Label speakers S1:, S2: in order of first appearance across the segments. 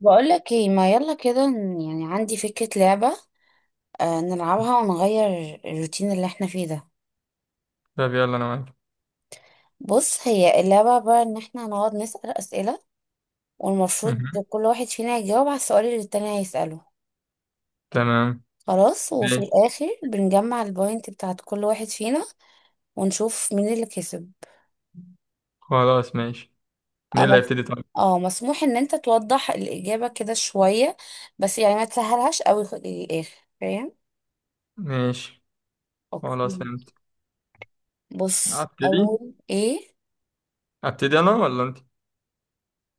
S1: بقولك ايه؟ ما يلا كده يعني عندي فكرة لعبة. آه، نلعبها ونغير الروتين اللي احنا فيه ده.
S2: طب يلا انا معاك.
S1: بص، هي اللعبة عبارة ان احنا هنقعد نسأل أسئلة، والمفروض
S2: مهم.
S1: كل واحد فينا يجاوب على السؤال اللي التاني هيسأله.
S2: تمام.
S1: خلاص، وفي
S2: ماشي.
S1: الآخر بنجمع البوينت بتاعت كل واحد فينا ونشوف مين اللي كسب.
S2: خلاص ماشي. مين اللي
S1: أما
S2: هيبتدي طيب؟
S1: اه، مسموح ان انت توضح الإجابة كده شوية، بس يعني ما تسهلهاش قوي للآخر، فاهم؟
S2: ماشي. خلاص
S1: اوكي.
S2: فهمت.
S1: بص
S2: ابتدي.
S1: اول ايه.
S2: ابتدي انا ولا انت؟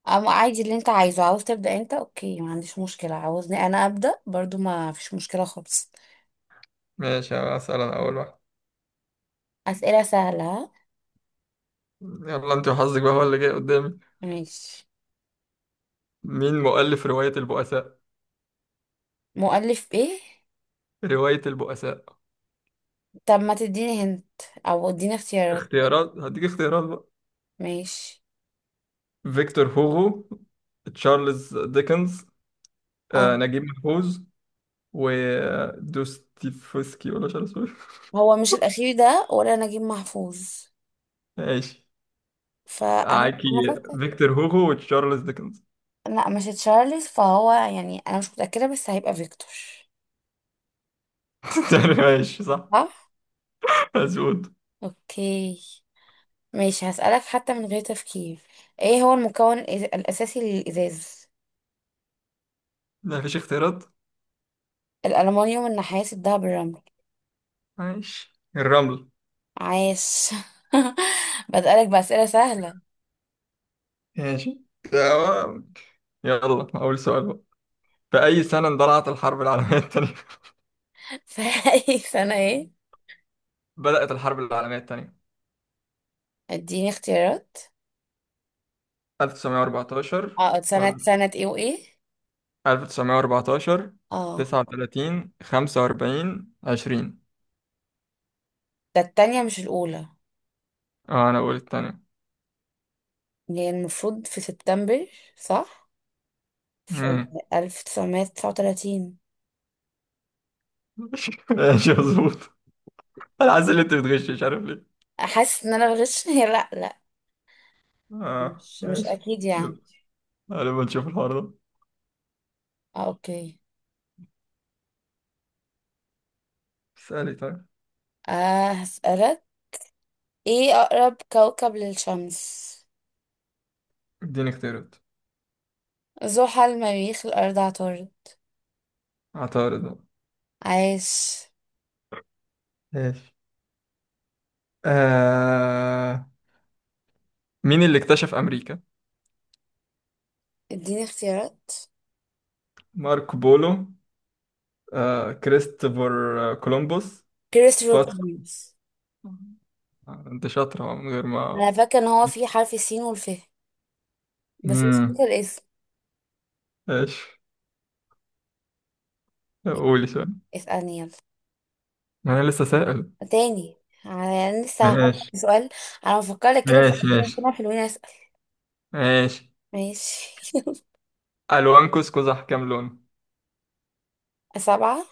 S1: أما عادي، اللي انت عايزه، عاوز تبدأ انت اوكي، ما عنديش مشكلة، عاوزني انا أبدأ برضو ما فيش مشكلة خالص.
S2: ماشي. اسال انا اول واحد.
S1: أسئلة سهلة ها؟
S2: يلا انت وحظك بقى هو اللي جاي قدامي.
S1: ماشي.
S2: مين مؤلف رواية البؤساء؟
S1: مؤلف ايه؟
S2: رواية البؤساء.
S1: طب ما تديني هنت، او اديني اختيارات.
S2: اختيارات؟ هديك اختيارات بقى.
S1: ماشي.
S2: فيكتور هوغو، تشارلز ديكنز،
S1: اه،
S2: نجيب محفوظ، ودوستيفسكي، ولا مش عارف اسمه إيه.
S1: هو مش الاخير ده ولا نجيب محفوظ؟
S2: ماشي.
S1: فانا
S2: معاكي.
S1: انا فاكره.
S2: فيكتور هوغو وتشارلز ديكنز.
S1: لا مش تشارلز، فهو يعني انا مش متأكدة بس هيبقى فيكتور.
S2: ماشي صح.
S1: صح.
S2: مظبوط.
S1: اوكي. ماشي، هسألك حتى من غير تفكير. ايه هو المكون الاساسي للازاز؟
S2: مفيش اختيارات؟
S1: الألمنيوم، النحاس، الدهب، الرمل.
S2: ماشي الرمل.
S1: عاش. بسألك بأسئلة سهلة.
S2: ماشي. تمام. يلا أول سؤال بقى. في أي سنة اندلعت الحرب العالمية الثانية؟
S1: فأي سنة ايه؟
S2: بدأت الحرب العالمية الثانية.
S1: اديني اختيارات.
S2: 1914.
S1: اه سنة
S2: ولا
S1: سنة ايه وايه؟
S2: 1914،
S1: اه،
S2: 39، 45، 20.
S1: ده التانية مش الأولى.
S2: اه أنا أقول الثانية.
S1: يعني المفروض في سبتمبر، صح؟ في
S2: مم.
S1: 1939.
S2: ماشي مظبوط. أنا حاسس إن أنت بتغش، مش عارف ليه.
S1: حاسس ان انا بغش؟ هي لا،
S2: اه
S1: مش
S2: ماشي.
S1: اكيد يعني.
S2: يلا، غالبا نشوف الحوار ده.
S1: آه اوكي.
S2: اسألي طيب.
S1: آه هسألك، ايه أقرب كوكب للشمس؟
S2: اديني اختيارات.
S1: زحل، مريخ، الأرض، عطارد.
S2: عطارد.
S1: عاش.
S2: ماشي. آه... مين اللي اكتشف أمريكا؟
S1: اديني اختيارات.
S2: ماركو بولو، كريستوفر، كولومبوس،
S1: كريستوفر
S2: باسكو،
S1: كولومبوس.
S2: أنت شاطرة من غير
S1: انا
S2: ما…
S1: فاكره ان هو في حرف السين والف، بس مش فاكره
S2: امم.
S1: الاسم.
S2: ماشي. قولي سؤال.
S1: اسألني يلا.
S2: ما أنا لسه سائل.
S1: تاني، انا لسه هفكر
S2: ماشي
S1: في سؤال. انا بفكر لك كده، بس
S2: ماشي.
S1: خلينا
S2: ماشي
S1: كده حلوين، اسأل.
S2: ماشي.
S1: ماشي.
S2: ألوان كوس قزح كام لون؟
S1: سبعة.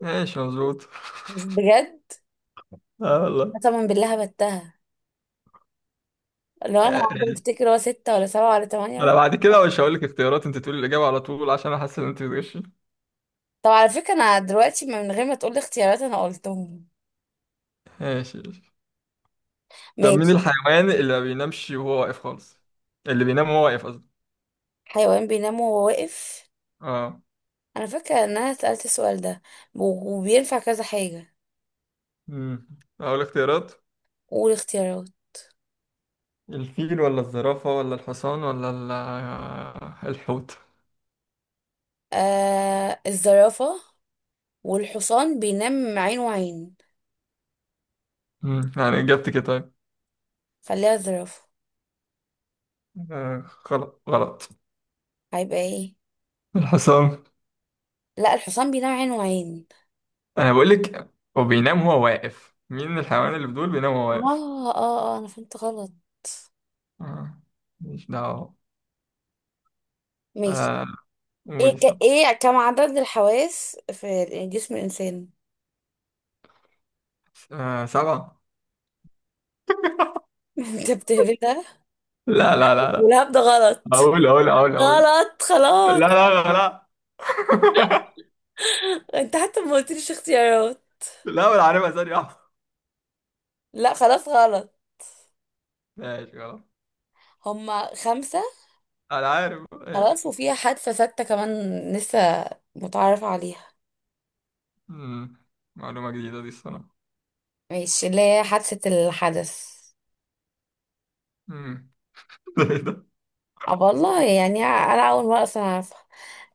S2: ماشي مظبوط.
S1: بس بجد،
S2: اه والله.
S1: قسما بالله بتها، لو انا قاعدة
S2: آه،
S1: بفتكر هو ستة ولا سبعة ولا
S2: انا
S1: تمانية.
S2: بعد كده مش هقول لك اختيارات، انت تقولي الاجابه على طول عشان احس ان انت بتغشي.
S1: طب على فكرة انا دلوقتي من غير ما تقولي اختيارات انا قلتهم.
S2: ماشي. طب مين
S1: ماشي.
S2: الحيوان اللي ما بينامش وهو واقف خالص؟ اللي بينام وهو واقف قصدي.
S1: حيوان بينام وهو واقف؟
S2: اه.
S1: انا فاكرة ان انا سألت السؤال ده، و- وبينفع كذا حاجة.
S2: امم. اقول اختيارات؟
S1: قول اختيارات.
S2: الفيل ولا الزرافة ولا الحصان ولا الحوت.
S1: آه، الزرافة. والحصان بينام عين وعين.
S2: امم، يعني اجابتك إيه طيب؟
S1: خليها الزرافة.
S2: آه، غلط غلط.
S1: هيبقى ايه؟
S2: الحصان.
S1: لا، الحصان بينام عين وعين.
S2: انا بقول لك، هو بينام وهو واقف. مين الحيوان اللي بدول بينام وهو واقف؟
S1: اه اه اه، انا فهمت غلط.
S2: آه. مش دعوة.
S1: ماشي.
S2: آه. قولي طب.
S1: ايه كم عدد الحواس في جسم الانسان؟
S2: آه. سبعة.
S1: انت بتهبدها،
S2: لا لا لا لا.
S1: والهبد ده غلط.
S2: اقول اقول اقول اقول.
S1: غلط
S2: لا
S1: خلاص.
S2: لا لا لا.
S1: انت حتى ما قلتليش اختيارات.
S2: لا، ولا عارفها ثانية واحدة.
S1: لا خلاص غلط.
S2: ماشي خلاص.
S1: هما خمسة.
S2: أنا عارف ماشي.
S1: خلاص، وفيها حادثة ستة كمان لسه متعرف عليها.
S2: مم. معلومة جديدة دي الصراحة.
S1: ماشي، اللي هي حادثة الحدث.
S2: مم. ده إيه ده؟
S1: اه والله، يعني انا اول مرة اصلا اعرفها.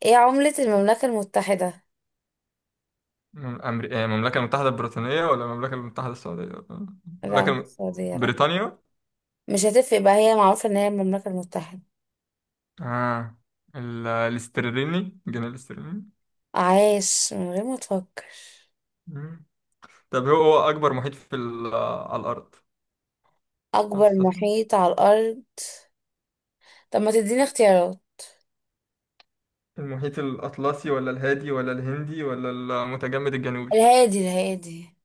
S1: ايه عملة المملكة المتحدة؟
S2: إيه، المملكة المتحدة البريطانية ولا المملكة المتحدة السعودية؟
S1: لا
S2: المملكة
S1: مش
S2: الم...
S1: السعودية، لا.
S2: بريطانيا.
S1: مش هتفرق بقى، هي معروفة ان هي المملكة المتحدة.
S2: آه. الاسترليني، الجنيه الاسترليني.
S1: عايش من غير ما تفكر.
S2: مم. طب، هو أكبر محيط على الأرض؟
S1: اكبر محيط على الارض؟ طب ما تديني اختيارات.
S2: المحيط الأطلسي ولا الهادي ولا الهندي ولا المتجمد الجنوبي؟
S1: الهادي، الهادي.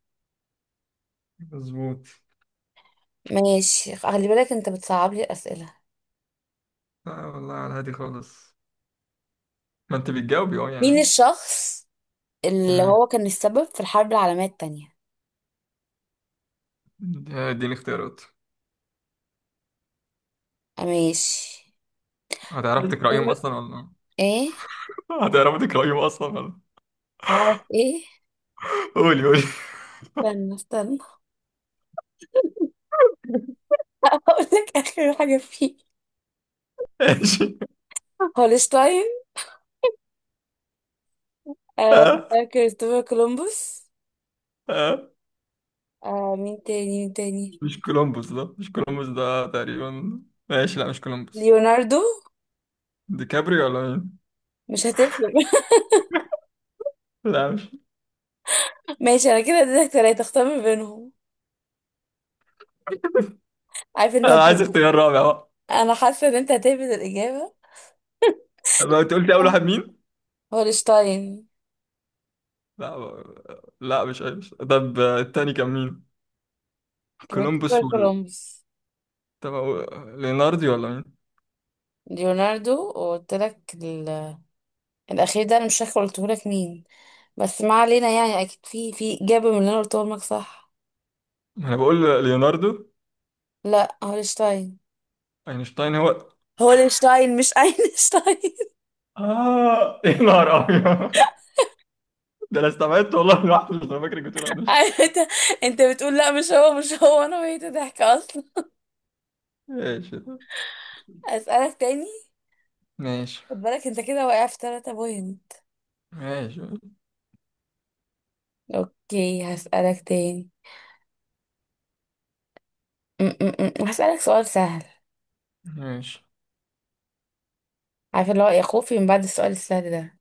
S2: مظبوط.
S1: ماشي، خلي بالك انت بتصعب لي الاسئلة.
S2: لا والله، على الهادي خالص. ما أنت بتجاوبي أه
S1: مين
S2: يعني.
S1: الشخص اللي هو كان السبب في الحرب العالمية التانية؟
S2: دي الاختيارات.
S1: ماشي.
S2: هتعرفي تقرأيهم
S1: بنقول
S2: أصلا ولا…
S1: ايه؟
S2: هتعرفي تقرأيهم أصلا ولا…
S1: عارف ايه.
S2: قولي قولي.
S1: استنى استنى، هقول لك اخر حاجه فيه.
S2: ماشي.
S1: هولشتاين، آه،
S2: آه،
S1: كريستوفر كولومبوس،
S2: آه.
S1: آه مين تاني مين تاني،
S2: مش كولومبوس ده، مش كولومبوس ده تقريبا. ماشي، لا مش كولومبوس.
S1: ليوناردو.
S2: ديكابري ولا مين؟
S1: مش هتفرق.
S2: لا مش…
S1: ماشي، انا كده اديتك ثلاثه اختار ما بينهم. عارف ان
S2: أنا
S1: انت،
S2: عايز اختيار رابع بقى.
S1: انا حاسه ان انت هتهبد الاجابه.
S2: ما أنت قلت أول واحد مين؟
S1: هولشتاين.
S2: لا مش عايز. طب آه، التاني كان مين؟
S1: كريستوفر
S2: كولومبوس وال…
S1: كولومبوس.
S2: طب ليوناردو ولا مين؟
S1: ليوناردو. وقلت لك الاخير ده انا مش فاكره قلته لك مين، بس ما علينا يعني اكيد في اجابه من اللي انا قلتهم لك، صح؟
S2: ما أنا بقول ليوناردو.
S1: لا، هولشتاين.
S2: أينشتاين هو.
S1: هولشتاين مش اينشتاين.
S2: آه يا نهار أبيض. ده انا استبعدت والله لوحدي. مش أنا فاكرك بتقول عين وش.
S1: عارف انت، انت بتقول لا مش هو مش هو، انا بقيت ضحك اصلا.
S2: ماشي طب.
S1: اسالك تاني.
S2: ماشي.
S1: خد بالك انت كده واقع في ثلاثة بوينت.
S2: ماشي
S1: اوكي هسالك تاني. هسالك سؤال سهل.
S2: ماشي.
S1: عارفه اللي هو يا خوفي من بعد السؤال السهل ده.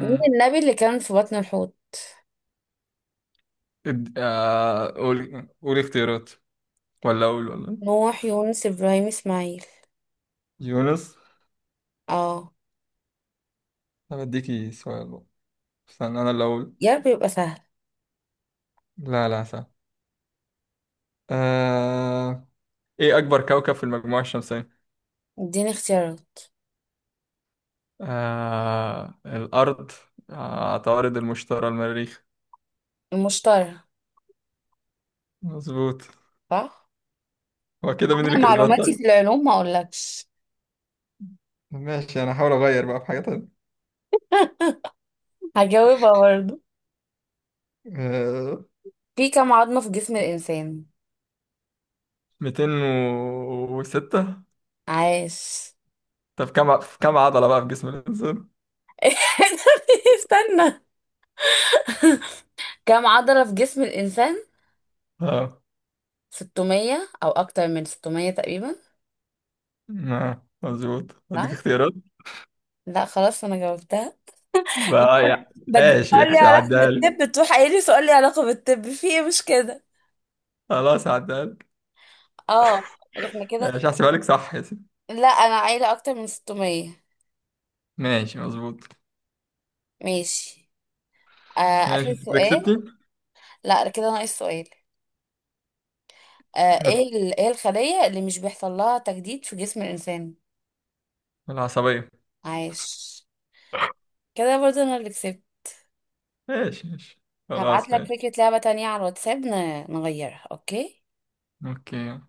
S1: مين النبي اللي كان في بطن الحوت؟
S2: قول قول اختيارات. ولا اقول ولا…
S1: نوح، يونس، ابراهيم، اسماعيل.
S2: يونس.
S1: اه.
S2: طب اديكي سؤال بقى. استنى، انا اللي اقول.
S1: يا رب يبقى سهل.
S2: لا لا، صح. آه... ايه اكبر كوكب في المجموعة الشمسية؟
S1: اديني اختيارات.
S2: آه... الارض، آه... عطارد، المشتري، المريخ.
S1: المشتري.
S2: مظبوط.
S1: صح.
S2: هو كده مين اللي
S1: انا
S2: كسبان
S1: معلوماتي
S2: طيب؟
S1: في العلوم ما اقولكش.
S2: ماشي، انا هحاول اغير بقى في حاجة
S1: هجاوبها برضه.
S2: تانية.
S1: في كم عظمة في جسم الانسان؟
S2: ميتين وستة.
S1: عاش.
S2: طب كم عضلة بقى في جسم الإنسان؟
S1: استنى، كم عضلة في جسم الإنسان؟
S2: اه.
S1: 600 أو أكتر من 600 تقريبا،
S2: مظبوط.
S1: صح؟
S2: أديك اختيارات؟
S1: لا خلاص أنا جاوبتها.
S2: بقى يعني
S1: بدي
S2: ماشي
S1: سؤال لي
S2: ماشي،
S1: علاقة
S2: هعديها لك.
S1: بالطب، تروح قايلي سؤال لي علاقة بالطب في إيه، مش كده؟
S2: خلاص هعديها لك.
S1: اه. احنا كده.
S2: ماشي، هحسبها لك صح يا سيدي.
S1: لا أنا عايلة أكتر من 600.
S2: ماشي مظبوط.
S1: ماشي. آه،
S2: ماشي.
S1: آخر
S2: أنت كده
S1: سؤال.
S2: كسبتي.
S1: لا كده ناقص سؤال. آه
S2: هات.
S1: إيه إيه الخلية اللي مش بيحصل لها تجديد في جسم الإنسان؟
S2: العصبية.
S1: عايش. كده برضه أنا اللي كسبت.
S2: ماشي ماشي.
S1: هبعت
S2: خلاص
S1: لك
S2: ماشي.
S1: فكرة لعبة تانية على الواتساب، نغيرها اوكي؟
S2: أوكي.